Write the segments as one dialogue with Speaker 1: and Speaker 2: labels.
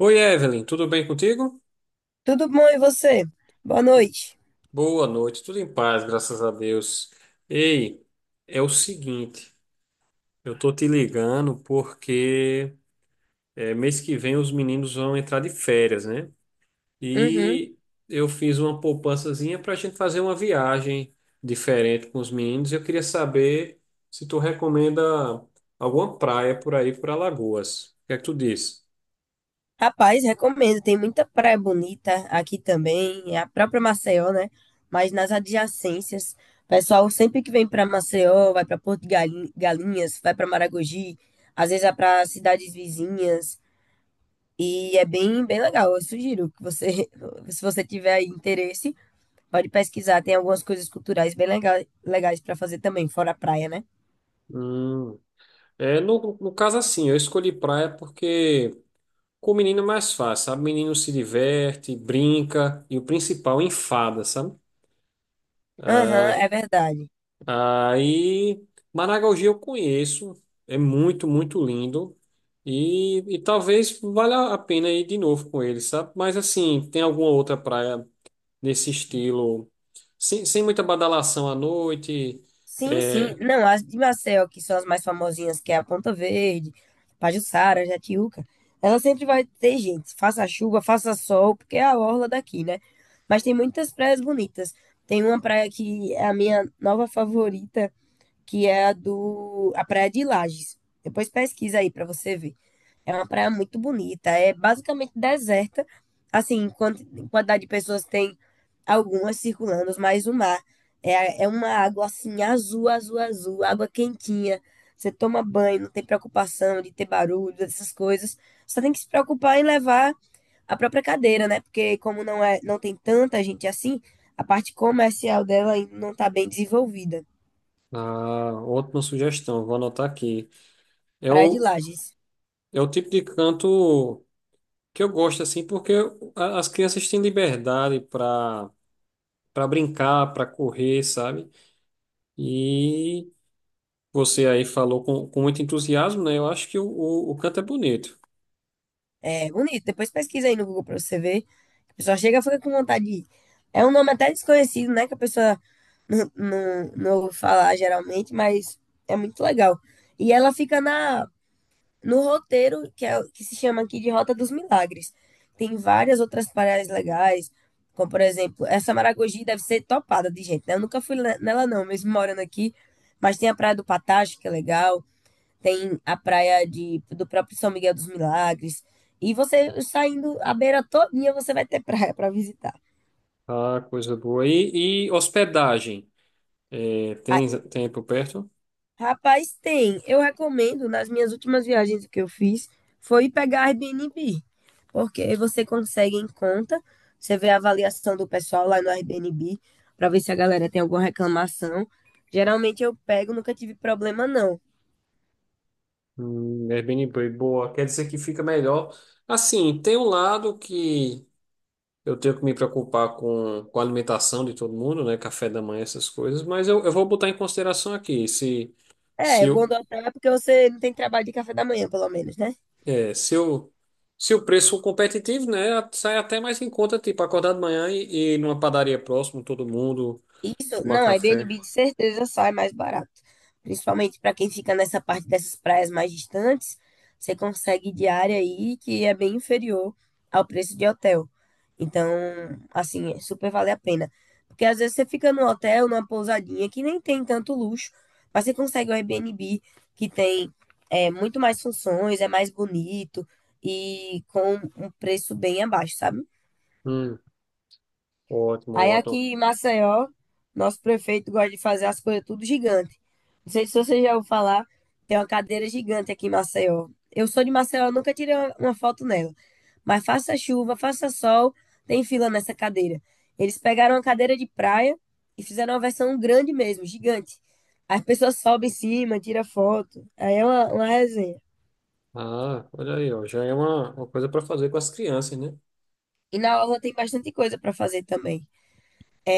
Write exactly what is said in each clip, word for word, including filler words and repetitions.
Speaker 1: Oi, Evelyn, tudo bem contigo?
Speaker 2: Tudo bom, e você? Boa
Speaker 1: Tu-
Speaker 2: noite.
Speaker 1: Boa noite, tudo em paz, graças a Deus. Ei, é o seguinte, eu tô te ligando porque é, mês que vem os meninos vão entrar de férias, né?
Speaker 2: Uhum.
Speaker 1: E eu fiz uma poupançazinha para a gente fazer uma viagem diferente com os meninos. Eu queria saber se tu recomenda alguma praia por aí, por Alagoas. O que é que tu diz?
Speaker 2: Rapaz, recomendo. Tem muita praia bonita aqui também, é a própria Maceió, né? Mas nas adjacências, pessoal sempre que vem para Maceió, vai para Porto de Galin- Galinhas, vai para Maragogi, às vezes vai para cidades vizinhas e é bem bem legal. Eu sugiro que você, se você tiver aí interesse, pode pesquisar. Tem algumas coisas culturais bem lega- legais para fazer também, fora a praia, né?
Speaker 1: Hum, é, no, no caso, assim, eu escolhi praia porque com o menino é mais fácil, sabe? O menino se diverte, brinca e o principal enfada, sabe?
Speaker 2: Aham, é verdade.
Speaker 1: Ah, aí, Maragogi eu conheço, é muito, muito lindo e, e talvez valha a pena ir de novo com ele, sabe? Mas assim, tem alguma outra praia nesse estilo, sem, sem muita badalação à noite?
Speaker 2: Sim, sim.
Speaker 1: É,
Speaker 2: Não, as de Maceió, que são as mais famosinhas, que é a Ponta Verde, Pajuçara, Jatiúca, ela sempre vai ter gente, faça chuva, faça sol, porque é a orla daqui, né? Mas tem muitas praias bonitas. Tem uma praia que é a minha nova favorita, que é a do a Praia de Lages. Depois pesquisa aí pra você ver. É uma praia muito bonita, é basicamente deserta. Assim, quanti- quantidade de pessoas tem algumas circulando, mas o mar é, é uma água assim, azul, azul, azul, água quentinha. Você toma banho, não tem preocupação de ter barulho, dessas coisas. Só tem que se preocupar em levar a própria cadeira, né? Porque como não é, não tem tanta gente assim, a parte comercial dela ainda não está bem desenvolvida.
Speaker 1: ah, ótima sugestão, vou anotar aqui. É
Speaker 2: Praia de
Speaker 1: o,
Speaker 2: Lages.
Speaker 1: é o tipo de canto que eu gosto assim, porque a- as crianças têm liberdade para para brincar, para correr, sabe? E você aí falou com, com muito entusiasmo, né? Eu acho que o, o, o canto é bonito.
Speaker 2: É bonito. Depois pesquisa aí no Google para você ver. A pessoa chega fica com vontade de ir. É um nome até desconhecido, né? Que a pessoa não, não, não ouve falar geralmente, mas é muito legal. E ela fica na, no roteiro que, é, que se chama aqui de Rota dos Milagres. Tem várias outras praias legais, como por exemplo, essa Maragogi deve ser topada de gente, né? Eu nunca fui ne- nela não, mesmo morando aqui, mas tem a Praia do Patacho, que é legal. Tem a praia de, do próprio São Miguel dos Milagres. E você saindo a beira todinha, você vai ter praia para visitar.
Speaker 1: Ah, coisa boa. E, e hospedagem? É,
Speaker 2: Ah,
Speaker 1: tem, tem por perto?
Speaker 2: rapaz, tem. Eu recomendo, nas minhas últimas viagens que eu fiz, foi pegar Airbnb. Porque você consegue em conta, você vê a avaliação do pessoal lá no Airbnb, para ver se a galera tem alguma reclamação. Geralmente eu pego, nunca tive problema, não.
Speaker 1: Hum, Airbnb, boa. Quer dizer que fica melhor. Assim, tem um lado que eu tenho que me preocupar com, com a alimentação de todo mundo, né? Café da manhã, essas coisas, mas eu, eu vou botar em consideração aqui. Se,
Speaker 2: É,
Speaker 1: se,
Speaker 2: o bom do hotel é porque você não tem trabalho de café da manhã, pelo menos, né?
Speaker 1: É, se o, se o preço for competitivo, né, sai até mais em conta, tipo, acordar de manhã e e ir numa padaria próximo, todo mundo,
Speaker 2: Isso,
Speaker 1: tomar
Speaker 2: não, a
Speaker 1: café.
Speaker 2: Airbnb de certeza sai mais barato. Principalmente para quem fica nessa parte dessas praias mais distantes, você consegue diária aí que é bem inferior ao preço de hotel. Então, assim, é super vale a pena. Porque às vezes você fica num hotel, numa pousadinha que nem tem tanto luxo, mas você consegue um Airbnb que tem é, muito mais funções, é mais bonito e com um preço bem abaixo, sabe?
Speaker 1: Hum, ótimo,
Speaker 2: Aí aqui
Speaker 1: ótimo.
Speaker 2: em Maceió, nosso prefeito gosta de fazer as coisas tudo gigante. Não sei se você já ouviu falar, tem uma cadeira gigante aqui em Maceió. Eu sou de Maceió, nunca tirei uma, uma foto nela. Mas faça chuva, faça sol, tem fila nessa cadeira. Eles pegaram uma cadeira de praia e fizeram uma versão grande mesmo, gigante. As pessoas sobem em cima, tiram foto. Aí é uma, uma resenha.
Speaker 1: Ah, olha aí, ó, já é uma, uma coisa para fazer com as crianças, né?
Speaker 2: E na orla tem bastante coisa para fazer também.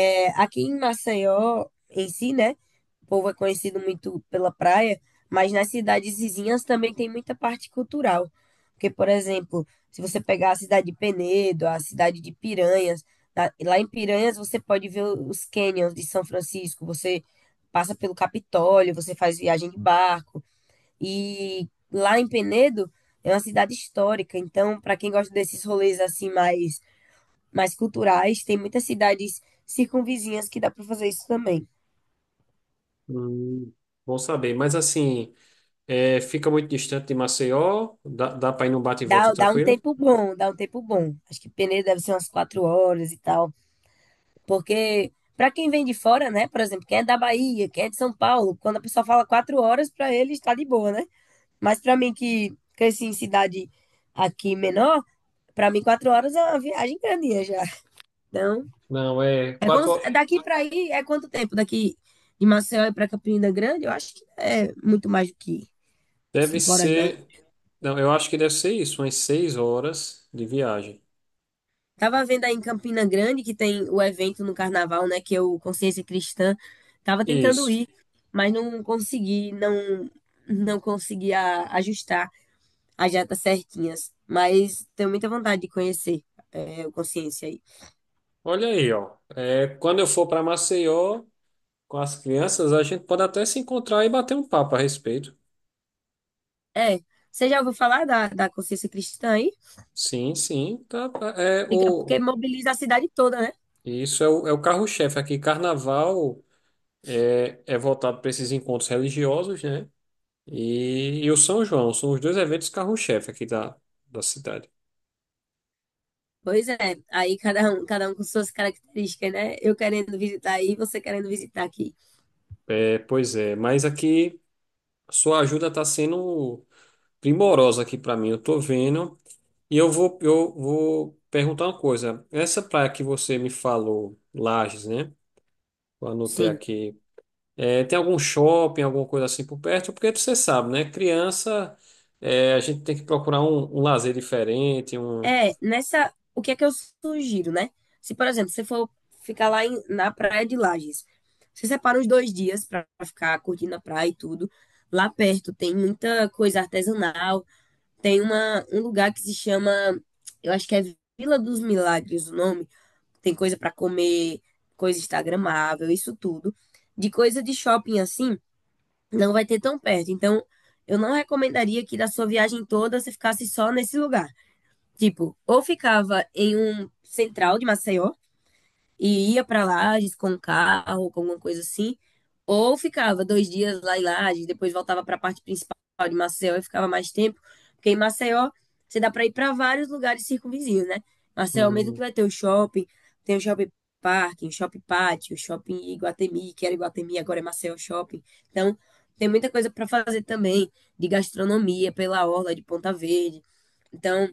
Speaker 2: É, aqui em Maceió, em si, né? O povo é conhecido muito pela praia, mas nas cidades vizinhas também tem muita parte cultural. Porque, por exemplo, se você pegar a cidade de Penedo, a cidade de Piranhas, tá? Lá em Piranhas você pode ver os cânions de São Francisco, você passa pelo Capitólio, você faz viagem de barco. E lá em Penedo é uma cidade histórica, então, para quem gosta desses rolês assim mais mais culturais. Tem muitas cidades circunvizinhas que dá para fazer isso também.
Speaker 1: Hum, bom saber. Mas assim, é, fica muito distante de Maceió, dá, dá para ir num bate e volta
Speaker 2: Dá, dá um
Speaker 1: tranquilo?
Speaker 2: tempo bom, dá um tempo bom. Acho que Peneira deve ser umas quatro horas e tal. Porque, para quem vem de fora, né? Por exemplo, quem é da Bahia, quem é de São Paulo, quando a pessoa fala quatro horas, para ele está de boa, né? Mas para mim, que cresci em cidade aqui menor, para mim, quatro horas é uma viagem grandinha já. Então,
Speaker 1: Não, é
Speaker 2: é como
Speaker 1: quatro.
Speaker 2: se-
Speaker 1: ho-
Speaker 2: daqui para aí é quanto tempo? Daqui de Maceió e para Campina Grande, eu acho que é muito mais do que
Speaker 1: Deve
Speaker 2: cinco horas, não.
Speaker 1: ser. Não, eu acho que deve ser isso, umas seis horas de viagem.
Speaker 2: Tava vendo aí em Campina Grande que tem o evento no carnaval, né? Que é o Consciência Cristã. Tava tentando
Speaker 1: Isso.
Speaker 2: ir, mas não consegui, não não consegui a- ajustar as datas certinhas. Mas tenho muita vontade de conhecer é, o Consciência aí.
Speaker 1: Olha aí, ó. É, quando eu for para Maceió com as crianças, a gente pode até se encontrar e bater um papo a respeito.
Speaker 2: É, você já ouviu falar da, da Consciência Cristã aí?
Speaker 1: Sim, sim, tá, tá. É
Speaker 2: Fica
Speaker 1: o
Speaker 2: porque mobiliza a cidade toda, né?
Speaker 1: isso é o, é o carro-chefe aqui. Carnaval é, é voltado para esses encontros religiosos, né? E, e o São João são os dois eventos carro-chefe aqui da, da cidade.
Speaker 2: Pois é, aí cada um, cada um com suas características, né? Eu querendo visitar aí, você querendo visitar aqui.
Speaker 1: É, pois é, mas aqui sua ajuda está sendo primorosa aqui para mim. Eu tô vendo. E eu vou, eu vou perguntar uma coisa. Essa praia que você me falou, Lages, né? Eu anotei
Speaker 2: Sim.
Speaker 1: aqui. É, tem algum shopping, alguma coisa assim por perto? Porque você sabe, né? Criança, é, a gente tem que procurar um, um lazer diferente, um,
Speaker 2: É, nessa. O que é que eu sugiro, né? Se, por exemplo, você for ficar lá em- na praia de Lages, você separa uns dois dias pra ficar curtindo a praia e tudo. Lá perto tem muita coisa artesanal. Tem uma, um lugar que se chama. Eu acho que é Vila dos Milagres o nome. Tem coisa pra comer, coisa instagramável, isso tudo. De coisa de shopping assim, não vai ter tão perto. Então, eu não recomendaria que da sua viagem toda você ficasse só nesse lugar. Tipo, ou ficava em um central de Maceió e ia pra Lages com um carro, com alguma coisa assim, ou ficava dois dias lá em Lages, depois voltava pra parte principal de Maceió e ficava mais tempo, porque em Maceió você dá pra ir pra vários lugares circunvizinhos, né? Maceió mesmo
Speaker 1: um,
Speaker 2: que vai ter o shopping, tem o shopping parking, o shopping pátio, o shopping Iguatemi, que era Iguatemi, agora é Maceió Shopping. Então, tem muita coisa pra fazer também, de gastronomia pela orla de Ponta Verde. Então,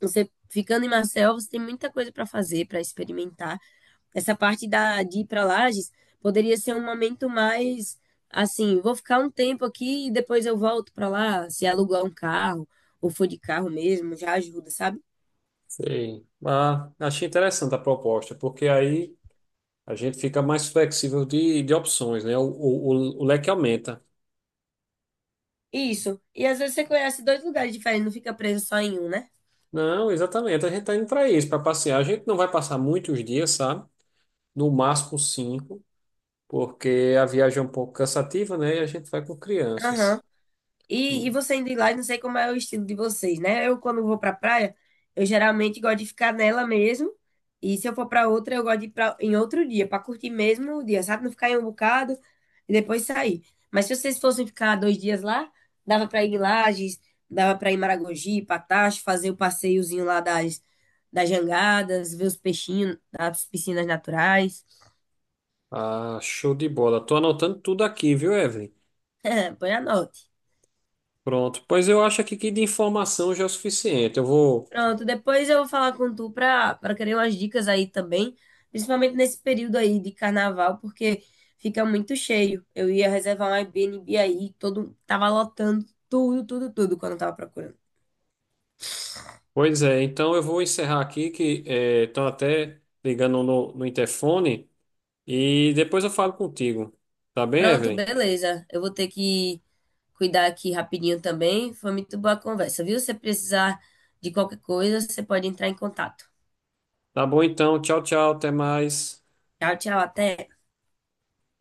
Speaker 2: você ficando em Marcel, você tem muita coisa para fazer, para experimentar. Essa parte da, de ir para Lages poderia ser um momento mais assim, vou ficar um tempo aqui e depois eu volto para lá, se alugar um carro ou for de carro mesmo, já ajuda, sabe?
Speaker 1: sei. Ah, achei interessante a proposta, porque aí a gente fica mais flexível de, de opções, né? O, o, o leque aumenta.
Speaker 2: Isso. E às vezes você conhece dois lugares diferentes, não fica preso só em um, né?
Speaker 1: Não, exatamente. A gente está indo para isso, para passear. A gente não vai passar muitos dias, sabe? No máximo cinco, porque a viagem é um pouco cansativa, né? E a gente vai com crianças.
Speaker 2: Aham. E, e
Speaker 1: Hum.
Speaker 2: você indo lá, eu não sei como é o estilo de vocês, né? Eu, quando vou pra praia, eu geralmente gosto de ficar nela mesmo. E se eu for pra outra, eu gosto de ir pra, em outro dia, pra curtir mesmo o dia, sabe? Não ficar em um bocado e depois sair. Mas se vocês fossem ficar dois dias lá, dava pra ir em Lages, dava pra ir em Maragogi, Patacho, fazer o passeiozinho lá das, das jangadas, ver os peixinhos, das piscinas naturais.
Speaker 1: Ah, show de bola. Tô anotando tudo aqui, viu, Evelyn?
Speaker 2: Põe a nota.
Speaker 1: Pronto. Pois eu acho aqui que de informação já é o suficiente. Eu vou.
Speaker 2: Pronto, depois eu vou falar com tu pra, pra querer umas dicas aí também, principalmente nesse período aí de carnaval, porque fica muito cheio. Eu ia reservar um Airbnb aí, todo, tava lotando tudo, tudo, tudo quando eu tava procurando.
Speaker 1: Pois é, então eu vou encerrar aqui, que estão até ligando no, no interfone. E depois eu falo contigo. Tá bem,
Speaker 2: Pronto,
Speaker 1: Evelyn?
Speaker 2: beleza. Eu vou ter que cuidar aqui rapidinho também. Foi muito boa a conversa, viu? Se precisar de qualquer coisa, você pode entrar em contato.
Speaker 1: Tá bom então. Tchau, tchau. Até mais.
Speaker 2: Tchau, tchau, até.